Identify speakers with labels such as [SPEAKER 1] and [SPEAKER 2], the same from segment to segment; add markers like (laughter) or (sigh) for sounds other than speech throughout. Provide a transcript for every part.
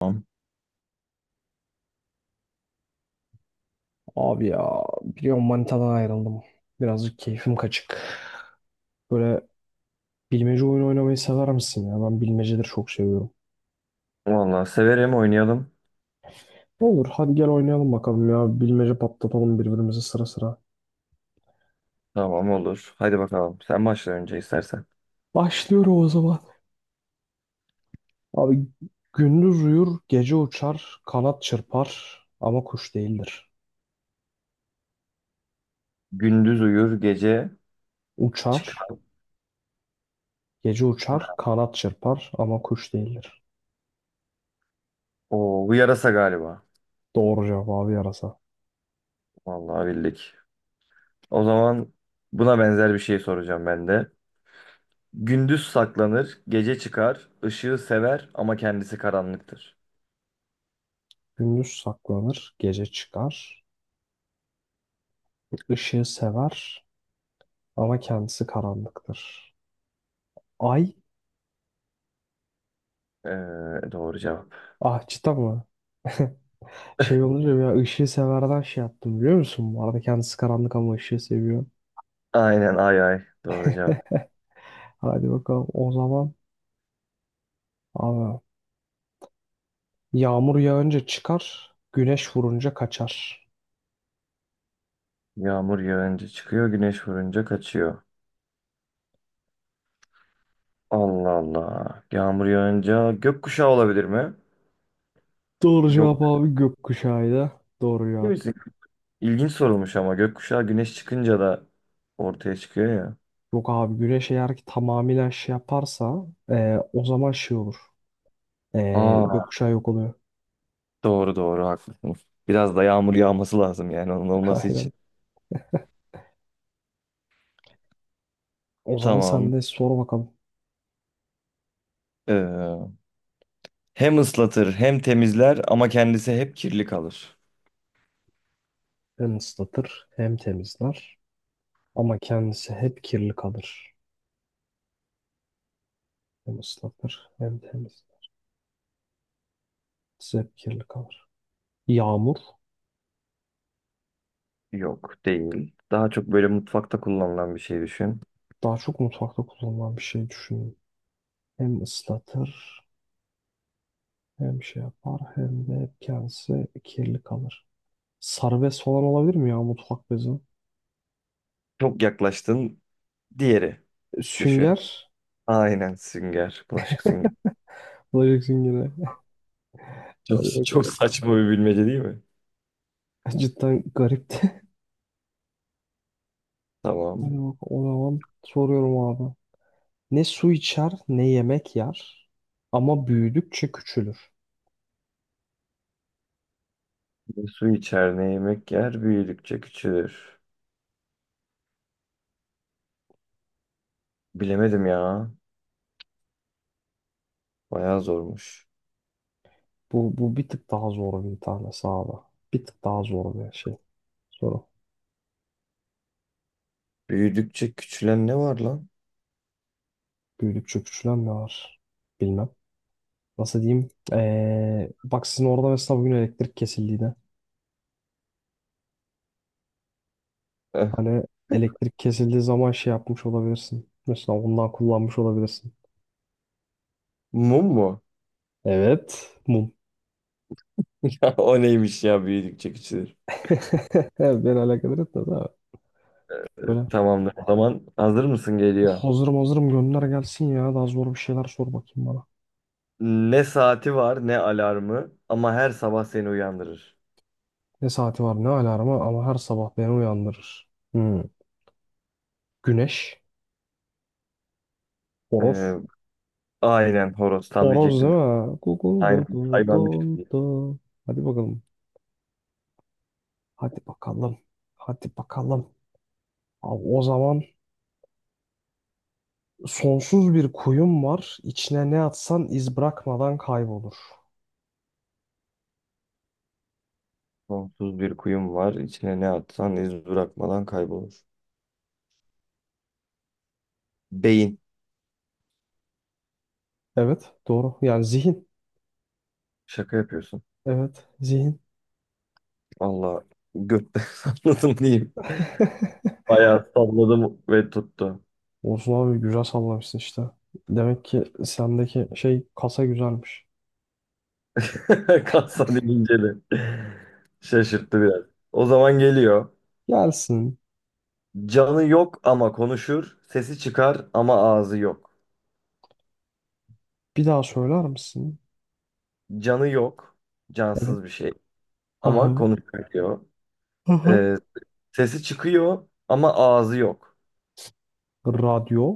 [SPEAKER 1] Tamam.
[SPEAKER 2] Abi ya biliyorum manitadan ayrıldım. Birazcık keyfim kaçık. Böyle bilmece oyunu oynamayı sever misin ya? Ben bilmeceleri çok seviyorum.
[SPEAKER 1] Vallahi severim, oynayalım.
[SPEAKER 2] Olur hadi gel oynayalım bakalım ya. Bilmece patlatalım birbirimize sıra sıra.
[SPEAKER 1] Tamam, olur. Hadi bakalım. Sen başla önce istersen.
[SPEAKER 2] Başlıyorum o zaman. Abi gündüz uyur, gece uçar, kanat çırpar ama kuş değildir.
[SPEAKER 1] Gündüz uyur, gece
[SPEAKER 2] Uçar,
[SPEAKER 1] çıkar.
[SPEAKER 2] gece uçar, kanat çırpar ama kuş değildir.
[SPEAKER 1] Oo, bu yarasa galiba.
[SPEAKER 2] Doğru cevap abi yarasa.
[SPEAKER 1] Vallahi bildik. O zaman buna benzer bir şey soracağım ben de. Gündüz saklanır, gece çıkar, ışığı sever ama kendisi karanlıktır.
[SPEAKER 2] Gündüz saklanır, gece çıkar, ışığı sever, ama kendisi karanlıktır. Ay
[SPEAKER 1] Ee, doğru cevap.
[SPEAKER 2] ahçıda mı? (laughs) Şey olunca ya ışığı severden şey yaptım biliyor musun? Bu arada kendisi karanlık ama ışığı seviyor.
[SPEAKER 1] Aynen, ay ay. Doğru cevap.
[SPEAKER 2] Hadi bakalım o zaman. Abi, yağmur yağınca çıkar, güneş vurunca kaçar.
[SPEAKER 1] Yağmur yağınca çıkıyor, güneş vurunca kaçıyor. Allah Allah. Yağmur yağınca gökkuşağı olabilir mi?
[SPEAKER 2] Doğru cevap
[SPEAKER 1] Yok.
[SPEAKER 2] abi gökkuşağıydı. Doğru
[SPEAKER 1] Değil
[SPEAKER 2] cevap.
[SPEAKER 1] misin? İlginç sorulmuş ama gökkuşağı güneş çıkınca da ortaya çıkıyor ya.
[SPEAKER 2] Yok abi güneş eğer ki tamamıyla şey yaparsa o zaman şey olur. E,
[SPEAKER 1] Aa,
[SPEAKER 2] gökkuşağı yok oluyor.
[SPEAKER 1] doğru doğru, haklısın. Biraz da yağmur yağması lazım yani onun
[SPEAKER 2] (laughs)
[SPEAKER 1] olması
[SPEAKER 2] Aynen.
[SPEAKER 1] için.
[SPEAKER 2] O zaman sen
[SPEAKER 1] Tamam.
[SPEAKER 2] de sor bakalım.
[SPEAKER 1] Ee, hem ıslatır hem temizler ama kendisi hep kirli kalır.
[SPEAKER 2] Hem ıslatır hem temizler. Ama kendisi hep kirli kalır. Hem ıslatır hem temiz. Kendisi hep kirli kalır. Yağmur
[SPEAKER 1] Yok, değil. Daha çok böyle mutfakta kullanılan bir şey düşün.
[SPEAKER 2] daha çok mutfakta kullanılan bir şey düşünün. Hem ıslatır hem şey yapar hem de hep kendisi kirli kalır. Sarı bez falan olabilir mi ya mutfak bezi?
[SPEAKER 1] Çok yaklaştın. Diğeri düşün.
[SPEAKER 2] Sünger.
[SPEAKER 1] Aynen, sünger. Bulaşık sünger.
[SPEAKER 2] Bulaşık süngeri.
[SPEAKER 1] Çok saçma bir bilmece değil mi?
[SPEAKER 2] (laughs) Cidden garipti.
[SPEAKER 1] Tamam.
[SPEAKER 2] Hadi bak o zaman soruyorum abi. Ne su içer ne yemek yer ama büyüdükçe küçülür.
[SPEAKER 1] Su içer ne yemek yer, büyüdükçe küçülür. Bilemedim ya. Bayağı zormuş.
[SPEAKER 2] Bu bir tık daha zor bir tane sağda. Bir tık daha zor bir şey. Soru.
[SPEAKER 1] Büyüdükçe küçülen ne var lan?
[SPEAKER 2] Büyüdükçe küçülen ne var? Bilmem. Nasıl diyeyim? Bak sizin orada mesela bugün elektrik kesildiğinde.
[SPEAKER 1] Eh,
[SPEAKER 2] Hani elektrik kesildiği zaman şey yapmış olabilirsin. Mesela ondan kullanmış olabilirsin.
[SPEAKER 1] mum mu?
[SPEAKER 2] Evet. Mum.
[SPEAKER 1] (laughs) Ya o neymiş ya, büyüdükçe küçülür.
[SPEAKER 2] (laughs) Beni alakadar etmez abi. Böyle
[SPEAKER 1] Tamamdır. O zaman hazır mısın, geliyor.
[SPEAKER 2] hazırım hazırım gönder gelsin ya. Daha zor bir şeyler sor bakayım bana.
[SPEAKER 1] Ne saati var ne alarmı ama her sabah seni uyandırır.
[SPEAKER 2] Ne saati var ne alarmı ama her sabah beni uyandırır. Hmm. Güneş. Horoz.
[SPEAKER 1] Ee, aynen horoz, tam
[SPEAKER 2] Horoz değil
[SPEAKER 1] diyecektim.
[SPEAKER 2] mi? Google do
[SPEAKER 1] Aynen,
[SPEAKER 2] do
[SPEAKER 1] hayvanmış
[SPEAKER 2] do
[SPEAKER 1] diye.
[SPEAKER 2] do. Hadi bakalım. Hadi bakalım. Hadi bakalım. Abi o zaman sonsuz bir kuyum var. İçine ne atsan iz bırakmadan kaybolur.
[SPEAKER 1] Sonsuz bir kuyum var. İçine ne atsan iz bırakmadan kaybolur. Beyin.
[SPEAKER 2] Evet, doğru. Yani zihin.
[SPEAKER 1] Şaka yapıyorsun.
[SPEAKER 2] Evet, zihin.
[SPEAKER 1] Allah, götten (laughs) salladım diyeyim.
[SPEAKER 2] (laughs)
[SPEAKER 1] Bayağı salladım ve tuttu.
[SPEAKER 2] Olsun abi güzel sallamışsın işte. Demek ki sendeki şey kasa güzelmiş.
[SPEAKER 1] (laughs) Kalsan inceli. Şaşırttı biraz. O zaman geliyor.
[SPEAKER 2] Gelsin.
[SPEAKER 1] Canı yok ama konuşur. Sesi çıkar ama ağzı yok.
[SPEAKER 2] Bir daha söyler misin?
[SPEAKER 1] Canı yok.
[SPEAKER 2] Evet.
[SPEAKER 1] Cansız bir şey.
[SPEAKER 2] Hı
[SPEAKER 1] Ama
[SPEAKER 2] hı.
[SPEAKER 1] konuşuyor.
[SPEAKER 2] Hı hı.
[SPEAKER 1] Ee, sesi çıkıyor ama ağzı yok.
[SPEAKER 2] Radyo.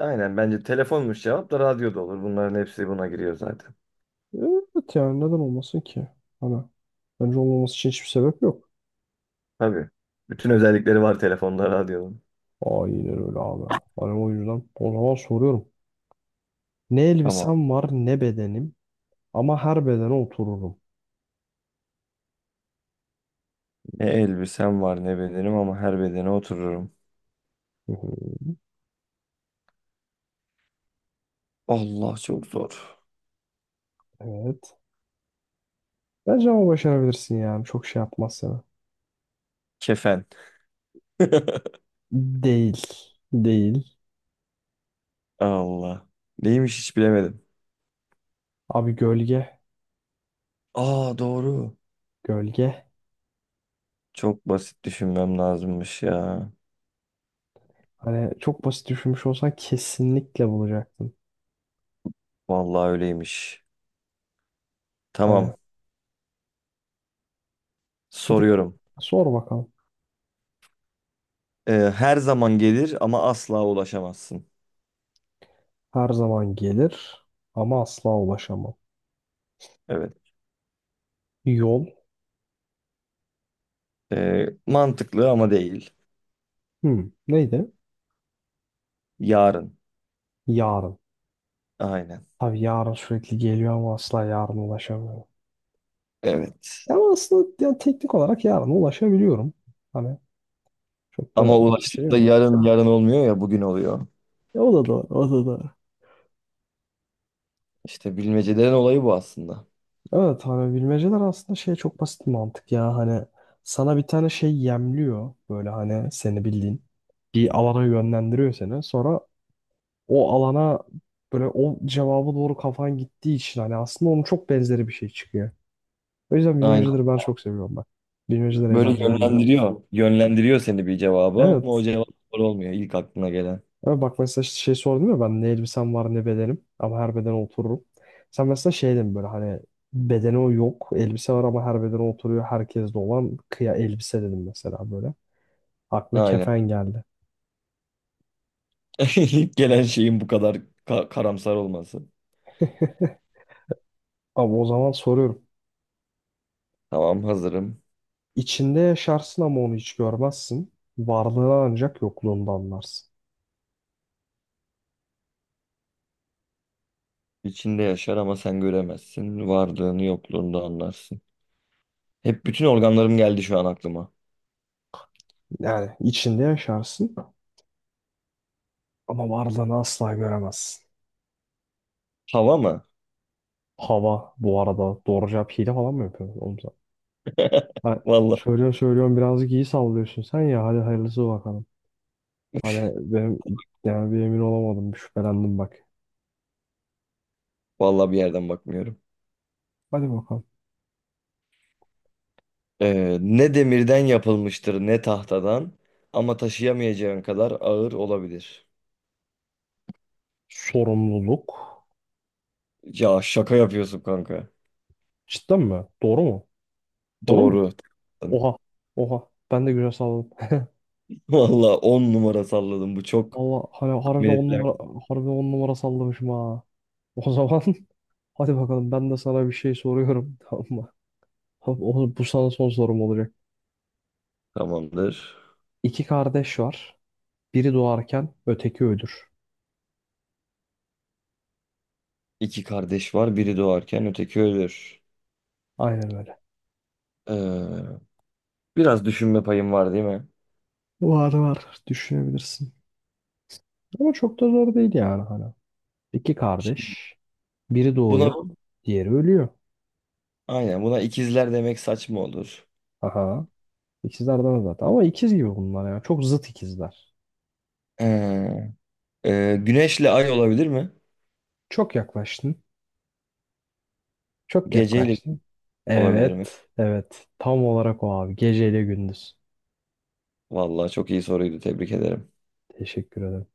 [SPEAKER 1] Aynen, bence telefonmuş cevap, da radyo da olur. Bunların hepsi buna giriyor zaten.
[SPEAKER 2] Evet yani neden olmasın ki? Hani bence olmaması için hiçbir sebep yok.
[SPEAKER 1] Tabii. Bütün özellikleri var telefonda, radyonun.
[SPEAKER 2] Aynen öyle abi. Hani o yüzden o zaman soruyorum. Ne
[SPEAKER 1] Tamam.
[SPEAKER 2] elbisem var ne bedenim ama her bedene otururum.
[SPEAKER 1] Ne elbisem var ne bedenim ama her bedene otururum.
[SPEAKER 2] (laughs) Hı hı.
[SPEAKER 1] Allah, çok zor.
[SPEAKER 2] Evet. Bence ama başarabilirsin yani. Çok şey yapmaz sana.
[SPEAKER 1] Kefen. (laughs)
[SPEAKER 2] Değil. Değil.
[SPEAKER 1] Allah. Neymiş, hiç bilemedim.
[SPEAKER 2] Abi gölge.
[SPEAKER 1] Aa, doğru.
[SPEAKER 2] Gölge.
[SPEAKER 1] Çok basit düşünmem lazımmış ya.
[SPEAKER 2] Hani çok basit düşünmüş olsan kesinlikle bulacaktın.
[SPEAKER 1] Vallahi öyleymiş.
[SPEAKER 2] Hani
[SPEAKER 1] Tamam.
[SPEAKER 2] bir tık
[SPEAKER 1] Soruyorum.
[SPEAKER 2] sor bakalım.
[SPEAKER 1] Her zaman gelir ama asla ulaşamazsın.
[SPEAKER 2] Her zaman gelir ama asla ulaşamam.
[SPEAKER 1] Evet.
[SPEAKER 2] Yol.
[SPEAKER 1] Mantıklı ama değil.
[SPEAKER 2] Hmm. Neydi?
[SPEAKER 1] Yarın.
[SPEAKER 2] Yarın.
[SPEAKER 1] Aynen.
[SPEAKER 2] Tabii yarın sürekli geliyor ama asla yarın ulaşamıyorum.
[SPEAKER 1] Evet.
[SPEAKER 2] Ama aslında yani teknik olarak yarın ulaşabiliyorum. Hani çok da
[SPEAKER 1] Ama
[SPEAKER 2] bir şey
[SPEAKER 1] ulaştıkta
[SPEAKER 2] yok.
[SPEAKER 1] yarın yarın olmuyor ya, bugün oluyor.
[SPEAKER 2] E, o da doğru, o da doğru.
[SPEAKER 1] İşte bilmecelerin olayı bu aslında.
[SPEAKER 2] Evet hani bilmeceler aslında şey çok basit bir mantık ya. Hani sana bir tane şey yemliyor. Böyle hani seni bildiğin. Bir alana yönlendiriyor seni. Sonra o alana böyle o cevaba doğru kafan gittiği için hani aslında onun çok benzeri bir şey çıkıyor. O yüzden
[SPEAKER 1] Aynen.
[SPEAKER 2] bilmeceleri ben çok seviyorum bak. Bilmeceler
[SPEAKER 1] Böyle
[SPEAKER 2] eğlenceli geliyor.
[SPEAKER 1] yönlendiriyor. Yönlendiriyor seni bir cevaba
[SPEAKER 2] Evet.
[SPEAKER 1] ama o cevap doğru olmuyor, ilk aklına gelen.
[SPEAKER 2] Ama bak mesela işte şey sordum ya ben ne elbisem var ne bedenim ama her bedene otururum. Sen mesela şey dedin böyle hani bedeni o yok elbise var ama her bedene oturuyor herkeste olan kıya elbise dedim mesela böyle. Aklıma
[SPEAKER 1] Aynen.
[SPEAKER 2] kefen geldi.
[SPEAKER 1] (laughs) İlk gelen şeyin bu kadar karamsar olması.
[SPEAKER 2] (laughs) Ama o zaman soruyorum.
[SPEAKER 1] Tamam, hazırım.
[SPEAKER 2] İçinde yaşarsın ama onu hiç görmezsin. Varlığını ancak yokluğunda anlarsın.
[SPEAKER 1] İçinde yaşar ama sen göremezsin. Varlığını yokluğunu anlarsın. Hep bütün organlarım geldi şu an aklıma.
[SPEAKER 2] Yani içinde yaşarsın ama varlığını asla göremezsin.
[SPEAKER 1] Hava mı?
[SPEAKER 2] Hava bu arada doğru cevap hile falan mı yapıyorsun? Oğlum. Ha,
[SPEAKER 1] Vallahi,
[SPEAKER 2] söylüyorum söylüyorum birazcık iyi sallıyorsun sen ya hadi hayırlısı bakalım. Hani benim yani bir emin olamadım bir şüphelendim bak.
[SPEAKER 1] bir yerden bakmıyorum.
[SPEAKER 2] Hadi bakalım.
[SPEAKER 1] Ne demirden yapılmıştır ne tahtadan ama taşıyamayacağın kadar ağır olabilir.
[SPEAKER 2] Sorumluluk.
[SPEAKER 1] Ya şaka yapıyorsun kanka.
[SPEAKER 2] Cidden mi? Doğru mu? Doğru mu?
[SPEAKER 1] Doğru.
[SPEAKER 2] Oha. Oha. Ben de güzel salladım.
[SPEAKER 1] (laughs) Vallahi 10 numara salladım. Bu
[SPEAKER 2] (laughs)
[SPEAKER 1] çok
[SPEAKER 2] Allah hani
[SPEAKER 1] tahmin
[SPEAKER 2] harbiden on numara
[SPEAKER 1] edilemez.
[SPEAKER 2] harbiden on numara sallamışım ha. O zaman (laughs) hadi bakalım ben de sana bir şey soruyorum, (laughs) tamam mı? Tamam, bu sana son sorum olacak.
[SPEAKER 1] Tamamdır.
[SPEAKER 2] İki kardeş var. Biri doğarken öteki ölür.
[SPEAKER 1] İki kardeş var. Biri doğarken öteki ölür.
[SPEAKER 2] Aynen öyle.
[SPEAKER 1] Ee, biraz düşünme payım var değil mi?
[SPEAKER 2] Var var düşünebilirsin. Ama çok da zor değil yani hala. İki
[SPEAKER 1] Şimdi
[SPEAKER 2] kardeş. Biri doğuyor,
[SPEAKER 1] buna
[SPEAKER 2] diğeri ölüyor.
[SPEAKER 1] aynen, buna ikizler demek saçma olur.
[SPEAKER 2] Aha. İkizler de var zaten. Ama ikiz gibi bunlar ya. Çok zıt ikizler.
[SPEAKER 1] Ee, güneşle ay olabilir mi?
[SPEAKER 2] Çok yaklaştın. Çok
[SPEAKER 1] Geceyle
[SPEAKER 2] yaklaştın.
[SPEAKER 1] olabilir mi?
[SPEAKER 2] Evet. Evet. Tam olarak o abi. Geceyle gündüz.
[SPEAKER 1] Vallahi çok iyi soruydu. Tebrik ederim.
[SPEAKER 2] Teşekkür ederim.